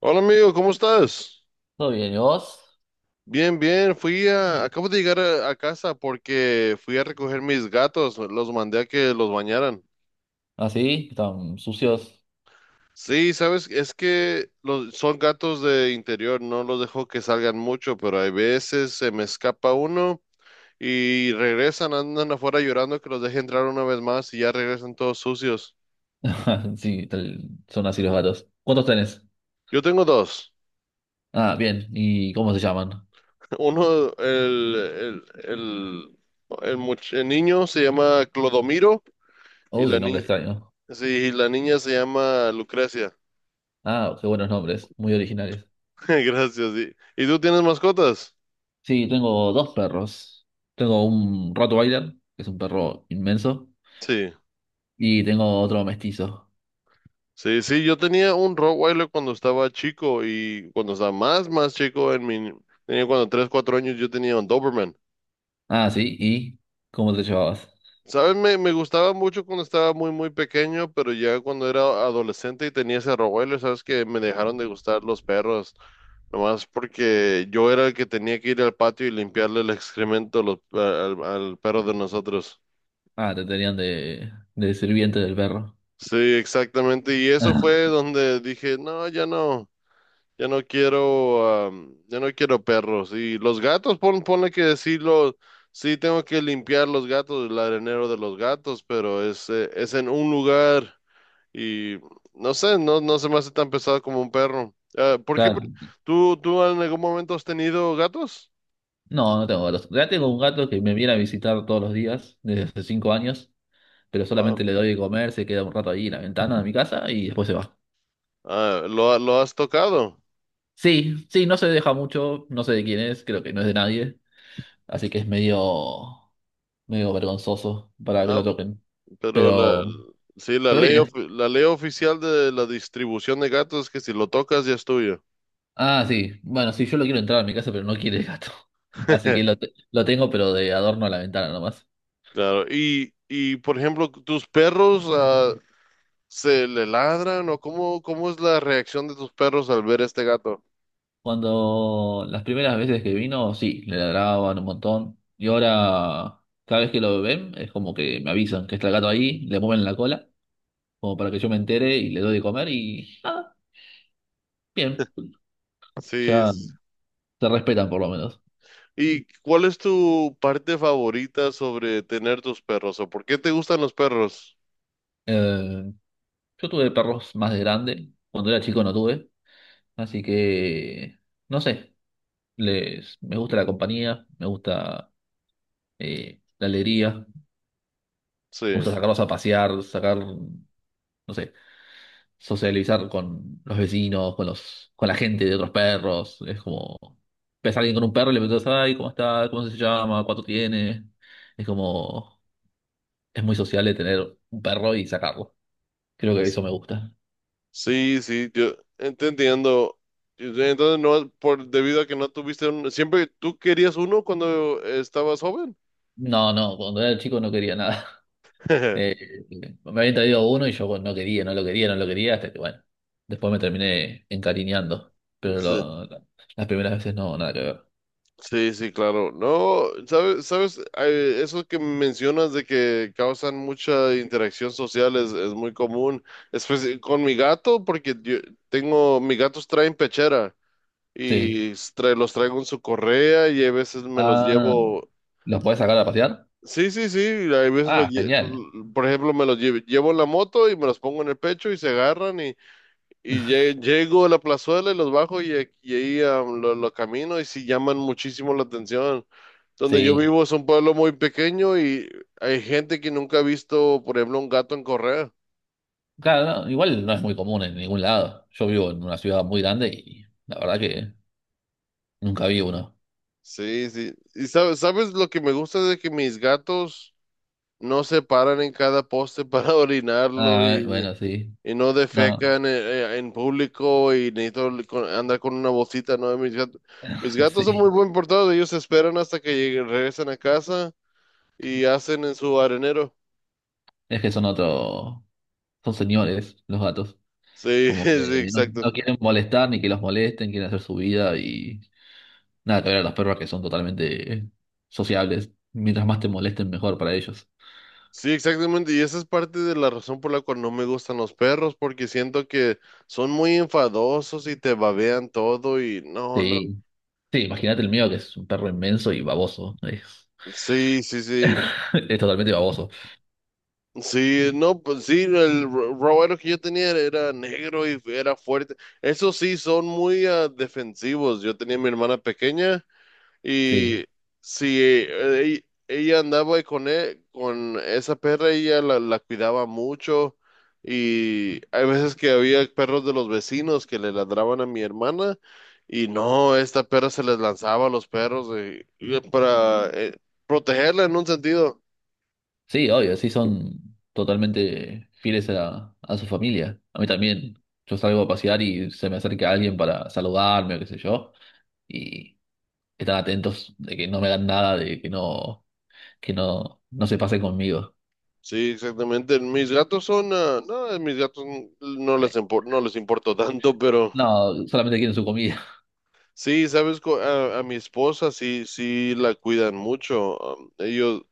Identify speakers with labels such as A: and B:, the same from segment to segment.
A: Hola, amigo, ¿cómo estás?
B: Todo bien, ¿y vos?
A: Bien, bien. Acabo de llegar a casa porque fui a recoger mis gatos. Los mandé a que los bañaran.
B: ¿Así? ¿Están sucios?
A: Sí, sabes, es que son gatos de interior. No los dejo que salgan mucho, pero hay veces se me escapa uno y regresan, andan afuera llorando que los deje entrar una vez más y ya regresan todos sucios.
B: Sí, son así los gatos. ¿Cuántos tenés?
A: Yo tengo dos.
B: Ah, bien. ¿Y cómo se llaman?
A: Uno, el niño se llama Clodomiro. Y
B: Uy, qué
A: la,
B: nombre
A: ni-
B: extraño.
A: Sí, la niña se llama Lucrecia.
B: Ah, qué buenos nombres, muy originales.
A: Gracias. Sí. ¿Y tú tienes mascotas?
B: Sí, tengo dos perros. Tengo un Rottweiler, que es un perro inmenso,
A: Sí,
B: y tengo otro mestizo.
A: sí, sí. Yo tenía un Rottweiler cuando estaba chico y cuando estaba más chico, tenía cuando 3, 4 años, yo tenía un Doberman.
B: Ah, sí, ¿y cómo te llevabas?
A: ¿Sabes? Me gustaba mucho cuando estaba muy, muy pequeño, pero ya cuando era adolescente y tenía ese Rottweiler, ¿sabes? Que me dejaron de gustar los perros, nomás porque yo era el que tenía que ir al patio y limpiarle el excremento a los- al al perro de nosotros.
B: Ah, te tenían de sirviente del perro.
A: Sí, exactamente. Y eso fue
B: Ah,
A: donde dije, no, ya no, ya no quiero perros. Y los gatos, ponle que decirlo, sí tengo que limpiar los gatos, el arenero de los gatos, pero es en un lugar y no sé, no se me hace tan pesado como un perro. Ah, ¿por qué?
B: claro.
A: ¿Tú en algún momento has tenido gatos?
B: No, no tengo gatos. Ya tengo un gato que me viene a visitar todos los días, desde hace 5 años. Pero
A: Ah,
B: solamente le doy de comer, se queda un rato ahí en la ventana de mi casa y después se va.
A: ah, ¿lo has tocado?
B: Sí, sí, no se deja mucho, no sé de quién es, creo que no es de nadie, así que es medio, vergonzoso para que lo
A: Ah,
B: toquen.
A: Pero la,
B: Pero,
A: sí, la
B: pero
A: ley,
B: viene.
A: ofi- la ley oficial de la distribución de gatos es que si lo tocas ya es tuyo.
B: Ah, sí, bueno, sí, yo lo quiero entrar a mi casa, pero no quiere el gato. Así que lo tengo, pero de adorno a la ventana nomás.
A: Claro. Y por ejemplo, tus perros, se le ladran, o cómo es la reacción de tus perros al ver este gato.
B: Cuando las primeras veces que vino, sí, le ladraban un montón. Y ahora, cada vez que lo ven, es como que me avisan que está el gato ahí, le mueven la cola, como para que yo me entere y le doy de comer y bien,
A: Sí.
B: ya se respetan por lo menos.
A: ¿Y cuál es tu parte favorita sobre tener tus perros, o por qué te gustan los perros?
B: Eh, yo tuve perros más de grande, cuando era chico no tuve, así que no sé, me gusta la compañía, me gusta la alegría, me gusta
A: Sí.
B: sacarlos a pasear, no sé, socializar con los vecinos, con los, con la gente de otros perros, es como ves a alguien con un perro y le preguntas, ay, ¿cómo está? ¿Cómo se llama? ¿Cuánto tiene? Es como es muy sociable tener un perro y sacarlo. Creo que eso me gusta.
A: Sí, sí, yo entendiendo. Entonces, no, por debido a que no tuviste siempre tú querías uno cuando estabas joven.
B: No, no, cuando era chico no quería nada. Eh, Me habían traído uno y yo bueno, no quería, no lo quería, no lo quería, hasta que bueno, después me terminé encariñando. Pero
A: Sí,
B: las primeras veces no, nada que ver.
A: sí, sí, claro. No, sabes, eso que mencionas de que causan mucha interacción social es muy común. Con mi gato, porque yo mis gatos traen pechera
B: Sí.
A: y los traigo en su correa y a veces me los
B: Ah,
A: llevo.
B: ¿los podés sacar a pasear?
A: Sí, sí, sí, hay veces
B: Ah, genial.
A: por ejemplo, me los llevo en la moto y me los pongo en el pecho y se agarran, y llego a la plazuela y los bajo y, y ahí, lo camino y sí llaman muchísimo la atención. Donde yo
B: Sí.
A: vivo es un pueblo muy pequeño y hay gente que nunca ha visto, por ejemplo, un gato en correa.
B: Claro, no, igual no es muy común en ningún lado. Yo vivo en una ciudad muy grande y la verdad que nunca vi uno.
A: Sí, sí. Y sabes lo que me gusta de que mis gatos no se paran en cada poste para orinarlo,
B: Ah,
A: y
B: bueno, sí.
A: y no
B: No,
A: defecan en público, y necesito andar con una bolsita, ¿no? Mis gatos, mis gatos son muy
B: sí.
A: buen portados, ellos esperan hasta que regresan a casa y hacen en su arenero.
B: Es que son otro. Son señores los gatos.
A: Sí,
B: Como
A: sí,
B: que no,
A: exacto.
B: no quieren molestar ni que los molesten, quieren hacer su vida y nada, que ver a los perros que son totalmente sociables. Mientras más te molesten, mejor para ellos.
A: Sí, exactamente. Y esa es parte de la razón por la cual no me gustan los perros, porque siento que son muy enfadosos y te babean todo y no, no.
B: Sí, sí, imagínate el mío que es un perro inmenso y baboso. Es,
A: Sí, sí, sí.
B: es totalmente baboso.
A: Sí, no, pues sí, Roboto, que yo tenía, era negro y era fuerte. Eso sí, son muy, defensivos. Yo tenía a mi hermana pequeña
B: Sí,
A: y, si ella ella andaba con esa perra, ella la cuidaba mucho, y hay veces que había perros de los vecinos que le ladraban a mi hermana y, no, esta perra se les lanzaba a los perros, y para, protegerla en un sentido.
B: sí, obvio, sí son totalmente fieles a su familia. A mí también. Yo salgo a pasear y se me acerca alguien para saludarme o qué sé yo. Y están atentos de que no me hagan nada, de que no, que no, no se pase conmigo.
A: Sí, exactamente. Mis gatos son, no, mis gatos n- no
B: Eh,
A: les impor- no les importa tanto, pero
B: No, solamente quieren su comida.
A: sí, sabes, a mi esposa sí, sí la cuidan mucho.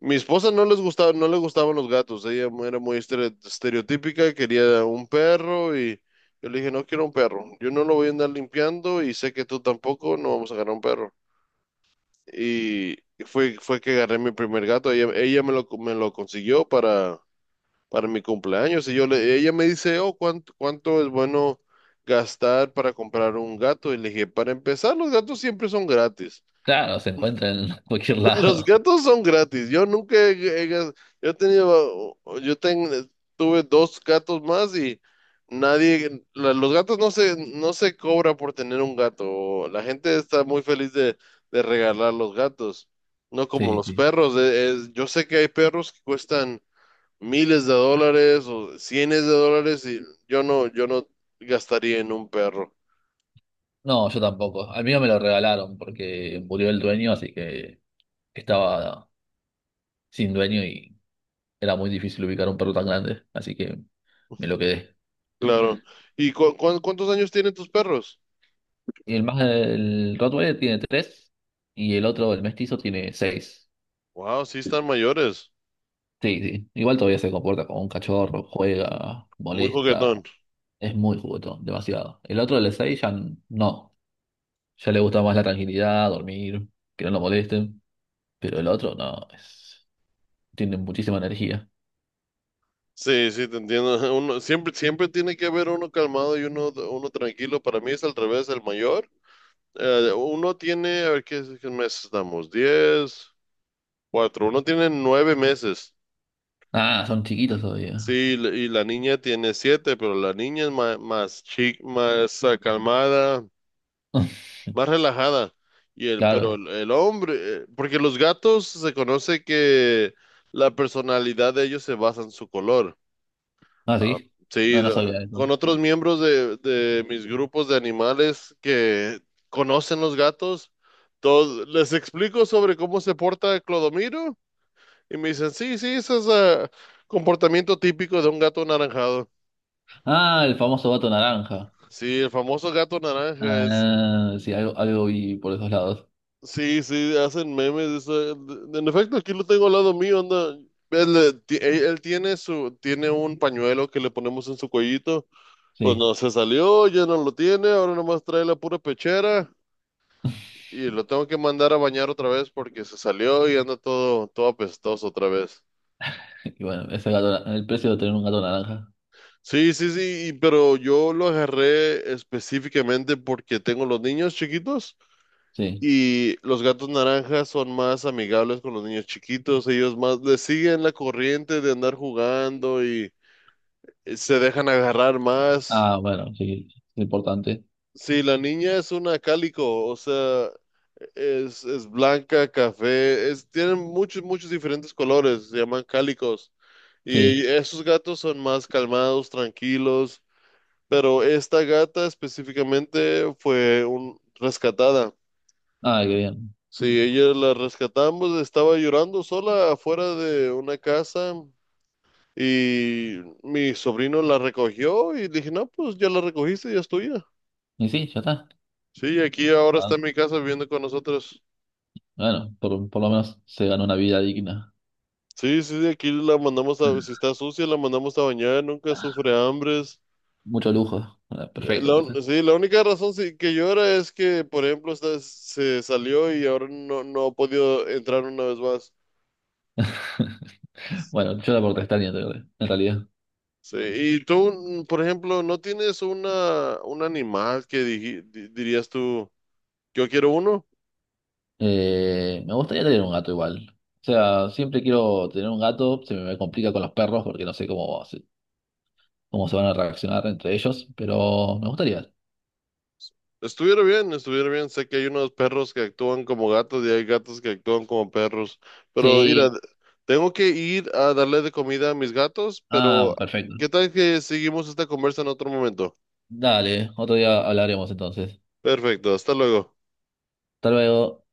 A: Mi esposa no les gustaba, no le gustaban los gatos. Ella era muy estereotípica, quería un perro, y yo le dije, no quiero un perro. Yo no lo voy a andar limpiando y sé que tú tampoco. No vamos a agarrar un perro. Y fue que agarré mi primer gato. Ella me lo consiguió para mi cumpleaños. Y, ella me dice, oh, ¿cuánto es bueno gastar para comprar un gato? Y le dije, para empezar, los gatos siempre son gratis.
B: Claro, se encuentra en cualquier
A: Los
B: lado.
A: gatos son gratis. Yo nunca he, he gas- yo he tenido, yo ten- tuve dos gatos más, y nadie, la- los gatos no se cobra por tener un gato. La gente está muy feliz de regalar los gatos. No como
B: Sí,
A: los
B: sí.
A: perros. Yo sé que hay perros que cuestan miles de dólares o cienes de dólares, y yo no gastaría en un perro,
B: No, yo tampoco. Al mío me lo regalaron porque murió el dueño, así que estaba sin dueño y era muy difícil ubicar un perro tan grande, así que me lo quedé.
A: claro. ¿Y cuántos años tienen tus perros?
B: Y el más, el Rottweiler tiene 3 y el otro, el mestizo, tiene 6.
A: Wow, sí están mayores,
B: Sí, sí. Igual todavía se comporta como un cachorro, juega,
A: muy
B: molesta.
A: juguetón.
B: Es muy juguetón, demasiado. El otro, el de 6 ya no. Ya le gusta más la tranquilidad, dormir, que no lo molesten. Pero el otro no, es, tiene muchísima energía.
A: Sí, sí, te entiendo. Uno, siempre, siempre tiene que haber uno calmado y uno tranquilo. Para mí es al revés, el mayor. A ver, ¿qué meses estamos? 10, cuatro. Uno tiene 9 meses.
B: Ah, son chiquitos todavía.
A: Sí, y la niña tiene 7, pero la niña es ma- más, chic, más, ah, calmada, más relajada. Y el, pero
B: Claro.
A: el hombre, Porque los gatos se conoce que la personalidad de ellos se basa en su color.
B: Ah,
A: Ah,
B: sí.
A: sí,
B: Ah, no sabía eso.
A: con otros miembros de mis grupos de animales que conocen los gatos, todos, les explico sobre cómo se porta Clodomiro, y me dicen, sí, sí, ese es, comportamiento típico de un gato anaranjado.
B: Ah, el famoso gato naranja.
A: Sí, el famoso gato naranja.
B: Ah, sí, algo, algo vi por esos lados.
A: Sí, sí, hacen memes. En efecto, aquí lo tengo al lado mío, anda. Él tiene tiene un pañuelo que le ponemos en su cuellito. Pues
B: Sí.
A: no, se salió, ya no lo tiene, ahora nomás trae la pura pechera y lo tengo que mandar a bañar otra vez, porque se salió y anda todo, todo apestoso otra vez.
B: Y bueno, ese gato, el precio de tener un gato naranja.
A: Sí, sí, sí, pero yo lo agarré específicamente porque tengo los niños chiquitos.
B: Sí.
A: Y los gatos naranjas son más amigables con los niños chiquitos, ellos más les siguen la corriente de andar jugando y, se dejan agarrar más.
B: Ah, bueno, sí, es importante.
A: Sí, la niña es una cálico, o sea, es blanca, café, tienen muchos, muchos diferentes colores, se llaman cálicos. Y
B: Sí.
A: esos gatos son más calmados, tranquilos, pero esta gata específicamente fue rescatada.
B: Ah, qué bien.
A: Sí, ella la rescatamos, estaba llorando sola afuera de una casa y mi sobrino la recogió, y dije, no, pues ya la recogiste, ya es tuya.
B: Y sí, ya está.
A: Sí, aquí ahora
B: Ah,
A: está en mi casa viviendo con nosotros.
B: bueno, por lo menos se ganó una vida digna.
A: Sí, sí, de aquí la mandamos a, si está sucia, la mandamos a bañar, nunca sufre hambres.
B: Mucho lujo. Ah, perfecto, entonces.
A: Sí, la única razón, sí, que llora es que, por ejemplo, esta, se salió y ahora no ha podido entrar una vez más.
B: Bueno, yo la portestaña tarde, en realidad.
A: Sí, y tú, por ejemplo, ¿no tienes un animal que, dirías tú, yo quiero uno?
B: Me gustaría tener un gato igual. O sea, siempre quiero tener un gato, se me complica con los perros porque no sé cómo se van a reaccionar entre ellos, pero me gustaría.
A: Estuviera bien, estuviera bien. Sé que hay unos perros que actúan como gatos y hay gatos que actúan como perros. Pero mira,
B: Sí,
A: tengo que ir a darle de comida a mis gatos, pero
B: ah, perfecto.
A: ¿qué tal que seguimos esta conversa en otro momento?
B: Dale, otro día hablaremos entonces.
A: Perfecto, hasta luego.
B: Hasta luego.